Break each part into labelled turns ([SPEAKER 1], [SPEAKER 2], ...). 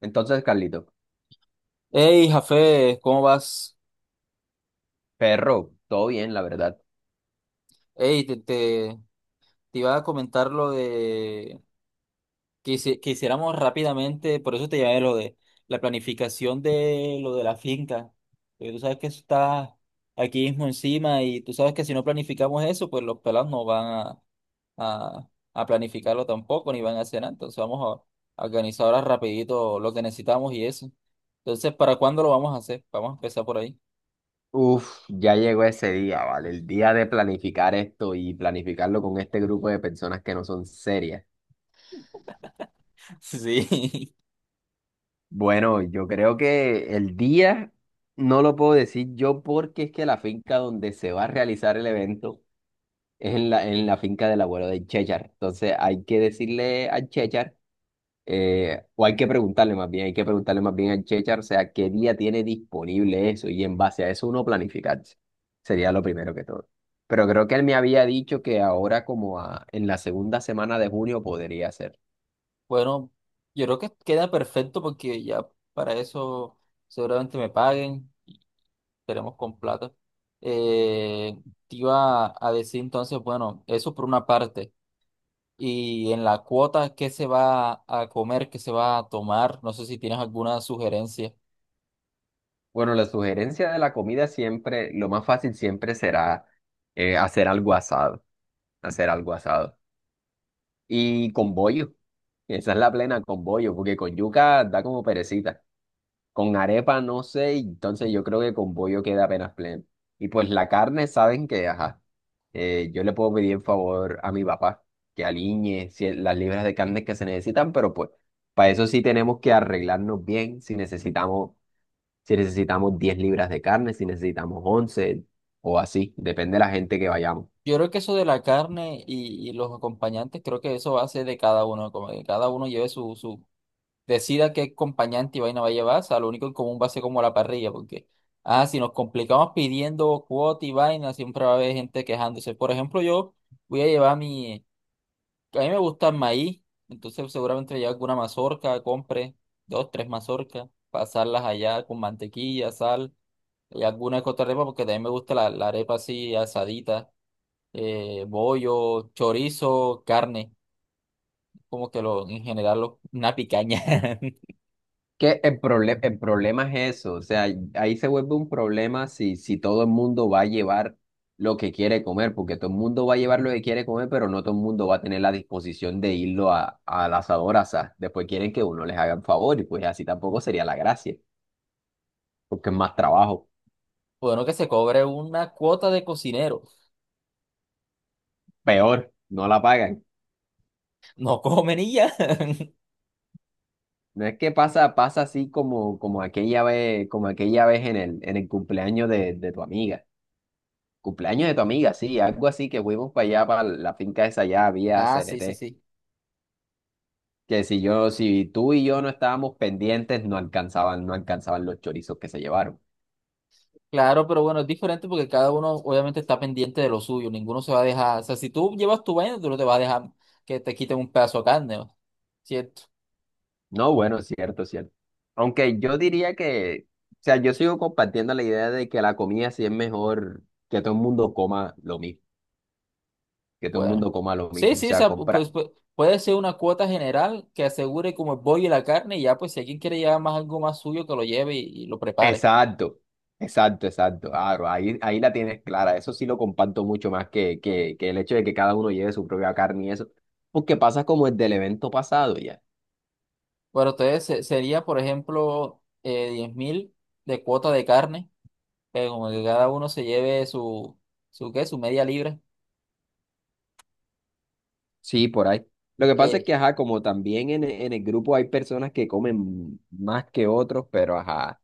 [SPEAKER 1] Entonces, Carlito,
[SPEAKER 2] Hey, Jafé, ¿cómo vas?
[SPEAKER 1] perro, todo bien, la verdad.
[SPEAKER 2] Hey, te iba a comentar lo de que hiciéramos rápidamente, por eso te llamé lo de la planificación de lo de la finca. Porque tú sabes que eso está aquí mismo encima y tú sabes que si no planificamos eso, pues los pelados no van a planificarlo tampoco, ni van a hacer nada. Entonces vamos a organizar ahora rapidito lo que necesitamos y eso. Entonces, ¿para cuándo lo vamos a hacer? Vamos a empezar por ahí.
[SPEAKER 1] Uf, ya llegó ese día, ¿vale? El día de planificar esto y planificarlo con este grupo de personas que no son serias.
[SPEAKER 2] Sí.
[SPEAKER 1] Bueno, yo creo que el día no lo puedo decir yo porque es que la finca donde se va a realizar el evento es en la finca del abuelo de Chechar. Entonces hay que decirle a Chechar o hay que preguntarle más bien, hay que preguntarle más bien al Chechar, o sea, qué día tiene disponible eso y en base a eso uno planificarse. Sería lo primero que todo. Pero creo que él me había dicho que ahora en la segunda semana de junio podría ser.
[SPEAKER 2] Bueno, yo creo que queda perfecto porque ya para eso seguramente me paguen y esperemos con plata. Eh, Te iba a decir entonces, bueno, eso por una parte. Y en la cuota, ¿qué se va a comer? ¿Qué se va a tomar? No sé si tienes alguna sugerencia.
[SPEAKER 1] Bueno, la sugerencia de la comida siempre, lo más fácil siempre será hacer algo asado, hacer algo asado. Y con bollo, esa es la plena con bollo, porque con yuca da como perecita. Con arepa no sé, entonces yo creo que con pollo queda apenas pleno. Y pues la carne, saben que, ajá, yo le puedo pedir en favor a mi papá que aliñe las libras de carne que se necesitan, pero pues para eso sí tenemos que arreglarnos bien si necesitamos, si necesitamos 10 libras de carne, si necesitamos 11 o así, depende de la gente que vayamos.
[SPEAKER 2] Yo creo que eso de la carne y los acompañantes, creo que eso va a ser de cada uno, como que cada uno lleve su decida qué acompañante y vaina va a llevar, o sea, lo único en común va a ser como la parrilla, porque, ah, si nos complicamos pidiendo cuota y vaina, siempre va a haber gente quejándose. Por ejemplo, yo voy a llevar mi, a mí me gusta el maíz, entonces seguramente voy a llevar alguna mazorca, compre dos, tres mazorcas, pasarlas allá con mantequilla, sal, y alguna que otra arepa, porque también me gusta la arepa así asadita, bollo, chorizo, carne, como que lo, en general, lo- una picaña.
[SPEAKER 1] Que el problema es eso, o sea, ahí se vuelve un problema si todo el mundo va a llevar lo que quiere comer, porque todo el mundo va a llevar lo que quiere comer, pero no todo el mundo va a tener la disposición de al asador a asar. Después quieren que uno les haga el favor y pues así tampoco sería la gracia, porque es más trabajo.
[SPEAKER 2] Bueno, que se cobre una cuota de cocinero.
[SPEAKER 1] Peor, no la pagan.
[SPEAKER 2] No, comen y ya.
[SPEAKER 1] No es que pasa, pasa así como, como aquella vez en el cumpleaños de tu amiga. Cumpleaños de tu amiga, sí, algo así que fuimos para allá, para la finca esa allá, había
[SPEAKER 2] Ah,
[SPEAKER 1] C N
[SPEAKER 2] sí, sí,
[SPEAKER 1] T
[SPEAKER 2] sí.
[SPEAKER 1] Que si yo, si tú y yo no estábamos pendientes, no alcanzaban, no alcanzaban los chorizos que se llevaron.
[SPEAKER 2] Claro, pero bueno, es diferente porque cada uno obviamente está pendiente de lo suyo. Ninguno se va a dejar. O sea, si tú llevas tu vaina, tú no te vas a dejar que te quiten un pedazo de carne. ¿No? ¿Cierto?
[SPEAKER 1] No, bueno, cierto, cierto. Aunque yo diría que, o sea, yo sigo compartiendo la idea de que la comida sí es mejor que todo el mundo coma lo mismo, que todo el
[SPEAKER 2] Bueno.
[SPEAKER 1] mundo coma lo
[SPEAKER 2] Sí,
[SPEAKER 1] mismo. O
[SPEAKER 2] sí, o
[SPEAKER 1] sea,
[SPEAKER 2] sea,
[SPEAKER 1] comprar.
[SPEAKER 2] puede ser una cuota general que asegure como el pollo y la carne, y ya, pues si alguien quiere llevar más algo más suyo, que lo lleve y lo prepare.
[SPEAKER 1] Exacto, exacto, exacto. Claro, ahí, ahí la tienes clara. Eso sí lo comparto mucho más que el hecho de que cada uno lleve su propia carne y eso. Porque pasa como el del evento pasado, ya.
[SPEAKER 2] Bueno, entonces sería, por ejemplo, 10 mil de cuota de carne, que como que cada uno se lleve su media libra,
[SPEAKER 1] Sí, por ahí. Lo que pasa
[SPEAKER 2] eh,
[SPEAKER 1] es que, ajá, como también en el grupo hay personas que comen más que otros, pero ajá,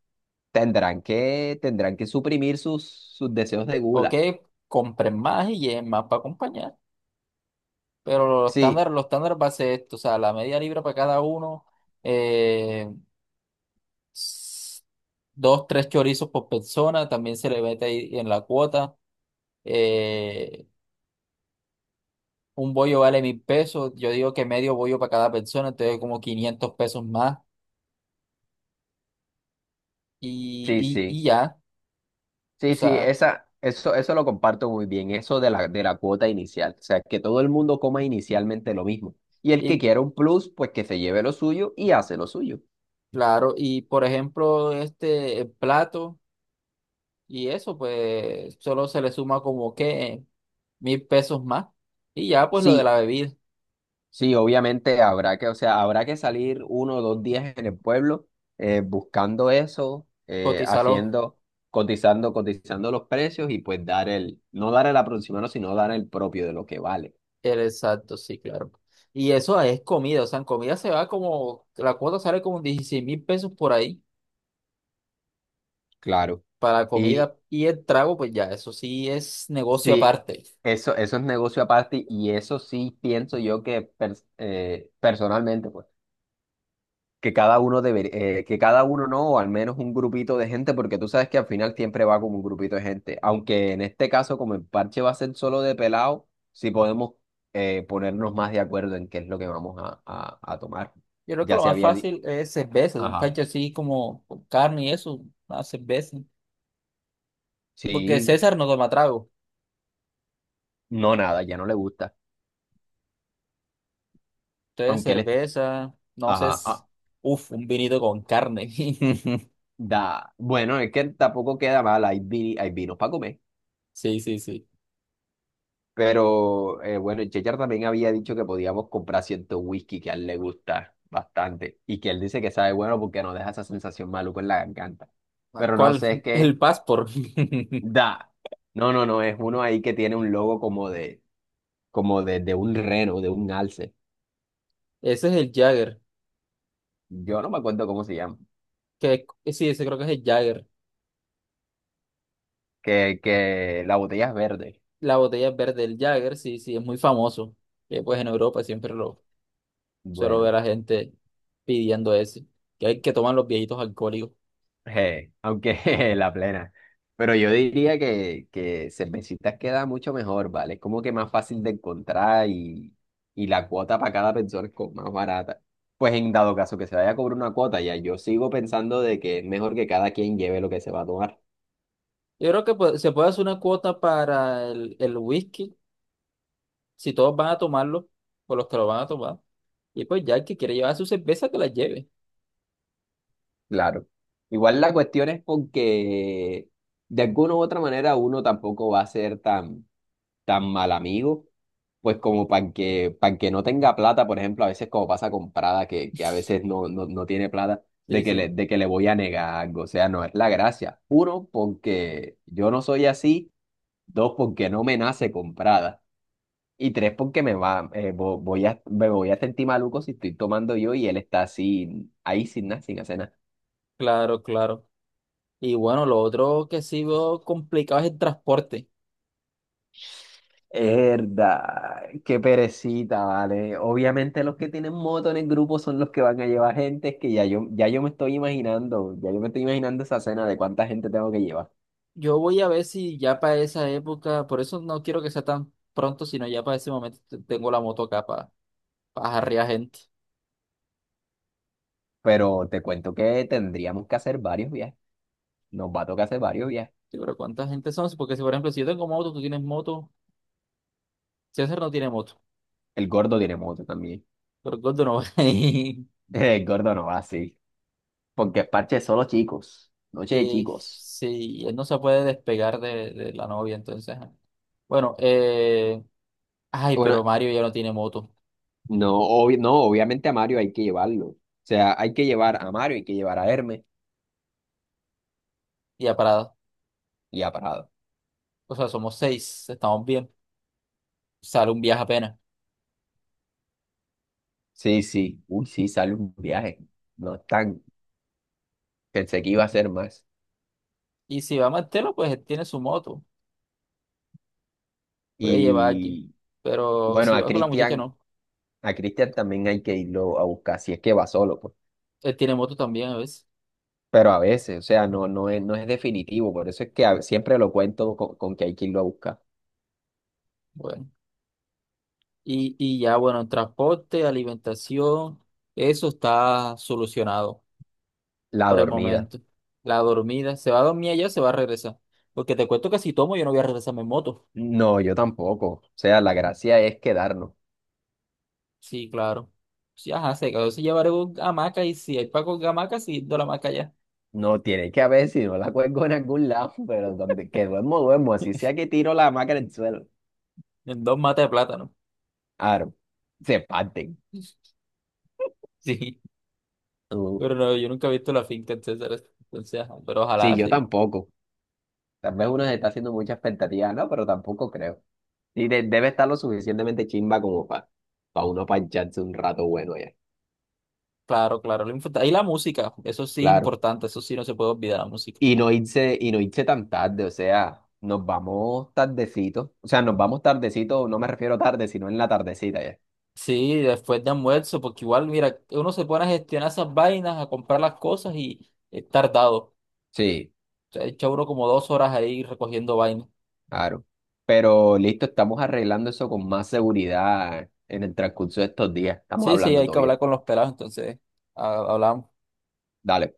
[SPEAKER 1] tendrán que suprimir sus, sus deseos de
[SPEAKER 2] o
[SPEAKER 1] gula.
[SPEAKER 2] que compren más y lleven más para acompañar. Pero
[SPEAKER 1] Sí,
[SPEAKER 2] los estándares va a ser esto, o sea, la media libra para cada uno, eh, s- dos, tres chorizos por persona, también se le mete ahí en la cuota. Eh, un bollo vale 1.000 pesos, yo digo que medio bollo para cada persona, entonces como 500 pesos más
[SPEAKER 1] sí,
[SPEAKER 2] y
[SPEAKER 1] sí.
[SPEAKER 2] ya, o
[SPEAKER 1] Sí, sí,
[SPEAKER 2] sea.
[SPEAKER 1] esa, eso lo comparto muy bien, eso de la cuota inicial. O sea, que todo el mundo coma inicialmente lo mismo. Y el que
[SPEAKER 2] y,
[SPEAKER 1] quiera un plus, pues que se lleve lo suyo y hace lo suyo.
[SPEAKER 2] Claro, y por ejemplo, este el plato y eso, pues solo se le suma como que 1.000 pesos más. Y ya, pues lo de
[SPEAKER 1] Sí,
[SPEAKER 2] la bebida,
[SPEAKER 1] sí, obviamente habrá que, o sea, habrá que salir 1 o 2 días en el pueblo buscando eso,
[SPEAKER 2] cotizarlo
[SPEAKER 1] cotizando, cotizando los precios y pues dar el, no dar el aproximado, sino dar el propio de lo que vale.
[SPEAKER 2] el exacto, sí, claro. Y eso es comida, o sea, en comida se va como, la cuota sale como 16 mil pesos por ahí
[SPEAKER 1] Claro.
[SPEAKER 2] para
[SPEAKER 1] Y
[SPEAKER 2] comida y el trago, pues ya, eso sí es negocio
[SPEAKER 1] sí,
[SPEAKER 2] aparte.
[SPEAKER 1] eso es negocio aparte y eso sí pienso yo que personalmente, pues. Que cada uno debería, que cada uno no, o al menos un grupito de gente, porque tú sabes que al final siempre va como un grupito de gente. Aunque en este caso, como el parche va a ser solo de pelado, sí podemos ponernos más de acuerdo en qué es lo que vamos a tomar.
[SPEAKER 2] Yo creo que
[SPEAKER 1] Ya
[SPEAKER 2] lo
[SPEAKER 1] se
[SPEAKER 2] más
[SPEAKER 1] había di-
[SPEAKER 2] fácil es cerveza, un
[SPEAKER 1] Ajá.
[SPEAKER 2] pancho así como con carne y eso, una cerveza. Porque
[SPEAKER 1] Sí,
[SPEAKER 2] César no toma trago.
[SPEAKER 1] no nada, ya no le gusta.
[SPEAKER 2] Entonces,
[SPEAKER 1] Aunque él es-
[SPEAKER 2] cerveza, no sé,
[SPEAKER 1] Ajá,
[SPEAKER 2] es,
[SPEAKER 1] ah,
[SPEAKER 2] uf, un vinito con carne.
[SPEAKER 1] da. Bueno, es que tampoco queda mal, hay, hay vinos para comer.
[SPEAKER 2] Sí, sí, sí.
[SPEAKER 1] Pero bueno, el Chechar también había dicho que podíamos comprar cierto whisky que a él le gusta bastante y que él dice que sabe bueno porque nos deja esa sensación maluca en la garganta.
[SPEAKER 2] Ah,
[SPEAKER 1] Pero no
[SPEAKER 2] ¿cuál?
[SPEAKER 1] sé, es
[SPEAKER 2] El
[SPEAKER 1] que
[SPEAKER 2] Passport.
[SPEAKER 1] da. No, no, no, es uno ahí que tiene un logo como de, como de un reno, de un alce.
[SPEAKER 2] Ese es el Jagger.
[SPEAKER 1] Yo no me acuerdo cómo se llama.
[SPEAKER 2] Que, sí, ese creo que es el Jagger.
[SPEAKER 1] Que la botella es verde.
[SPEAKER 2] La botella verde del Jagger, sí, sí, es muy famoso. Que pues en Europa siempre lo suelo
[SPEAKER 1] Bueno.
[SPEAKER 2] ver a gente pidiendo ese. Que hay que toman los viejitos alcohólicos.
[SPEAKER 1] Aunque la plena. Pero yo diría que cervecitas queda mucho mejor, ¿vale? Es como que más fácil de encontrar y la cuota para cada persona es como más barata. Pues en dado caso que se vaya a cobrar una cuota, ya yo sigo pensando de que es mejor que cada quien lleve lo que se va a tomar.
[SPEAKER 2] Yo creo que pues, se puede hacer una cuota para el whisky, si todos van a tomarlo, por los que lo van a tomar. Y pues ya el que quiere llevar su cerveza, que la lleve.
[SPEAKER 1] Claro. Igual la cuestión es porque de alguna u otra manera uno tampoco va a ser tan tan mal amigo, pues como para para que no tenga plata, por ejemplo, a veces como pasa con Prada, que a veces no tiene plata,
[SPEAKER 2] Sí, sí,
[SPEAKER 1] de que le voy a negar algo. O sea, no es la gracia. Uno, porque yo no soy así. Dos, porque no me nace con Prada. Y tres, porque me va, me voy a sentir maluco si estoy tomando yo y él está así, ahí sin nada, sin hacer nada.
[SPEAKER 2] claro, claro. Y bueno, lo otro que sí veo complicado es el transporte.
[SPEAKER 1] Herda, qué perecita, vale. Obviamente los que tienen moto en el grupo son los que van a llevar gente, es que ya yo, ya yo me estoy imaginando, ya yo me estoy imaginando esa cena de cuánta gente tengo que llevar.
[SPEAKER 2] Yo voy a ver si ya para esa época, por eso no quiero que sea tan pronto, sino ya para ese momento tengo la moto acá para jarrear gente.
[SPEAKER 1] Pero te cuento que tendríamos que hacer varios viajes. Nos va a tocar hacer varios viajes.
[SPEAKER 2] Sí, pero ¿cuánta gente son? Sí, porque si, por ejemplo, si yo tengo moto, tú tienes moto, César no tiene moto,
[SPEAKER 1] El gordo tiene moto también.
[SPEAKER 2] pero el Gordo no. Y
[SPEAKER 1] El gordo no va así, porque es parche de solo chicos, noche de chicos.
[SPEAKER 2] sí, él no se puede despegar de la novia, entonces, ajá. Bueno, ay,
[SPEAKER 1] Bueno,
[SPEAKER 2] pero Mario ya no tiene moto,
[SPEAKER 1] no, no, obviamente a Mario hay que llevarlo. O sea, hay que llevar a Mario, hay que llevar a Hermes
[SPEAKER 2] y ya parado.
[SPEAKER 1] y a Parado.
[SPEAKER 2] O sea, somos seis, estamos bien. Sale un viaje apenas.
[SPEAKER 1] Sí, sí, uy, sí, sale un viaje. No es tan, pensé que iba a ser más.
[SPEAKER 2] Y si va Martelo, pues él tiene su moto, puede llevar aquí.
[SPEAKER 1] Y
[SPEAKER 2] Pero
[SPEAKER 1] bueno,
[SPEAKER 2] si va con la muchacha, no.
[SPEAKER 1] A Cristian también hay que irlo a buscar, si es que va solo, pues.
[SPEAKER 2] Él tiene moto también a veces.
[SPEAKER 1] Pero a veces, o sea, no, no es definitivo, por eso es que siempre lo cuento con que hay que irlo a buscar.
[SPEAKER 2] Bueno. Y ya, bueno, en transporte, alimentación, eso está solucionado
[SPEAKER 1] La
[SPEAKER 2] por el
[SPEAKER 1] dormida.
[SPEAKER 2] momento. La dormida, se va a dormir allá, se va a regresar. Porque te cuento que si tomo, yo no voy a regresarme en moto.
[SPEAKER 1] No, yo tampoco. O sea, la gracia es quedarnos.
[SPEAKER 2] Sí, claro. Sí, ajá, se cagó. Si llevaré un hamaca y si hay para con hamaca, sí, de la hamaca allá.
[SPEAKER 1] No tiene que haber, si no la cuelgo en algún lado, pero donde que duermo, duermo, así sea que tiro la hamaca en el suelo.
[SPEAKER 2] En dos matas de plátano.
[SPEAKER 1] Claro, se parten.
[SPEAKER 2] Sí.
[SPEAKER 1] Uh,
[SPEAKER 2] Pero no, yo nunca he visto la finca, etcétera. Entonces, ajá, pero
[SPEAKER 1] sí,
[SPEAKER 2] ojalá
[SPEAKER 1] yo
[SPEAKER 2] sí.
[SPEAKER 1] tampoco. Tal vez uno se está haciendo mucha expectativa, ¿no? Pero tampoco creo. Y debe estar lo suficientemente chimba como para uno pancharse un rato bueno ya.
[SPEAKER 2] Claro, claro. Y la música, eso sí es
[SPEAKER 1] Claro.
[SPEAKER 2] importante, eso sí no se puede olvidar la música.
[SPEAKER 1] Y no irse tan tarde, o sea, nos vamos tardecito. O sea, nos vamos tardecito, no me refiero tarde, sino en la tardecita ya.
[SPEAKER 2] Sí, después de almuerzo, porque igual, mira, uno se pone a gestionar esas vainas, a comprar las cosas y es tardado.
[SPEAKER 1] Sí,
[SPEAKER 2] O sea, echa uno como dos horas ahí recogiendo vainas.
[SPEAKER 1] claro. Pero listo, estamos arreglando eso con más seguridad en el transcurso de estos días. Estamos
[SPEAKER 2] Sí, sí,
[SPEAKER 1] hablando
[SPEAKER 2] hay
[SPEAKER 1] todo
[SPEAKER 2] que hablar
[SPEAKER 1] bien.
[SPEAKER 2] con los pelados, entonces, hablábamos
[SPEAKER 1] Dale.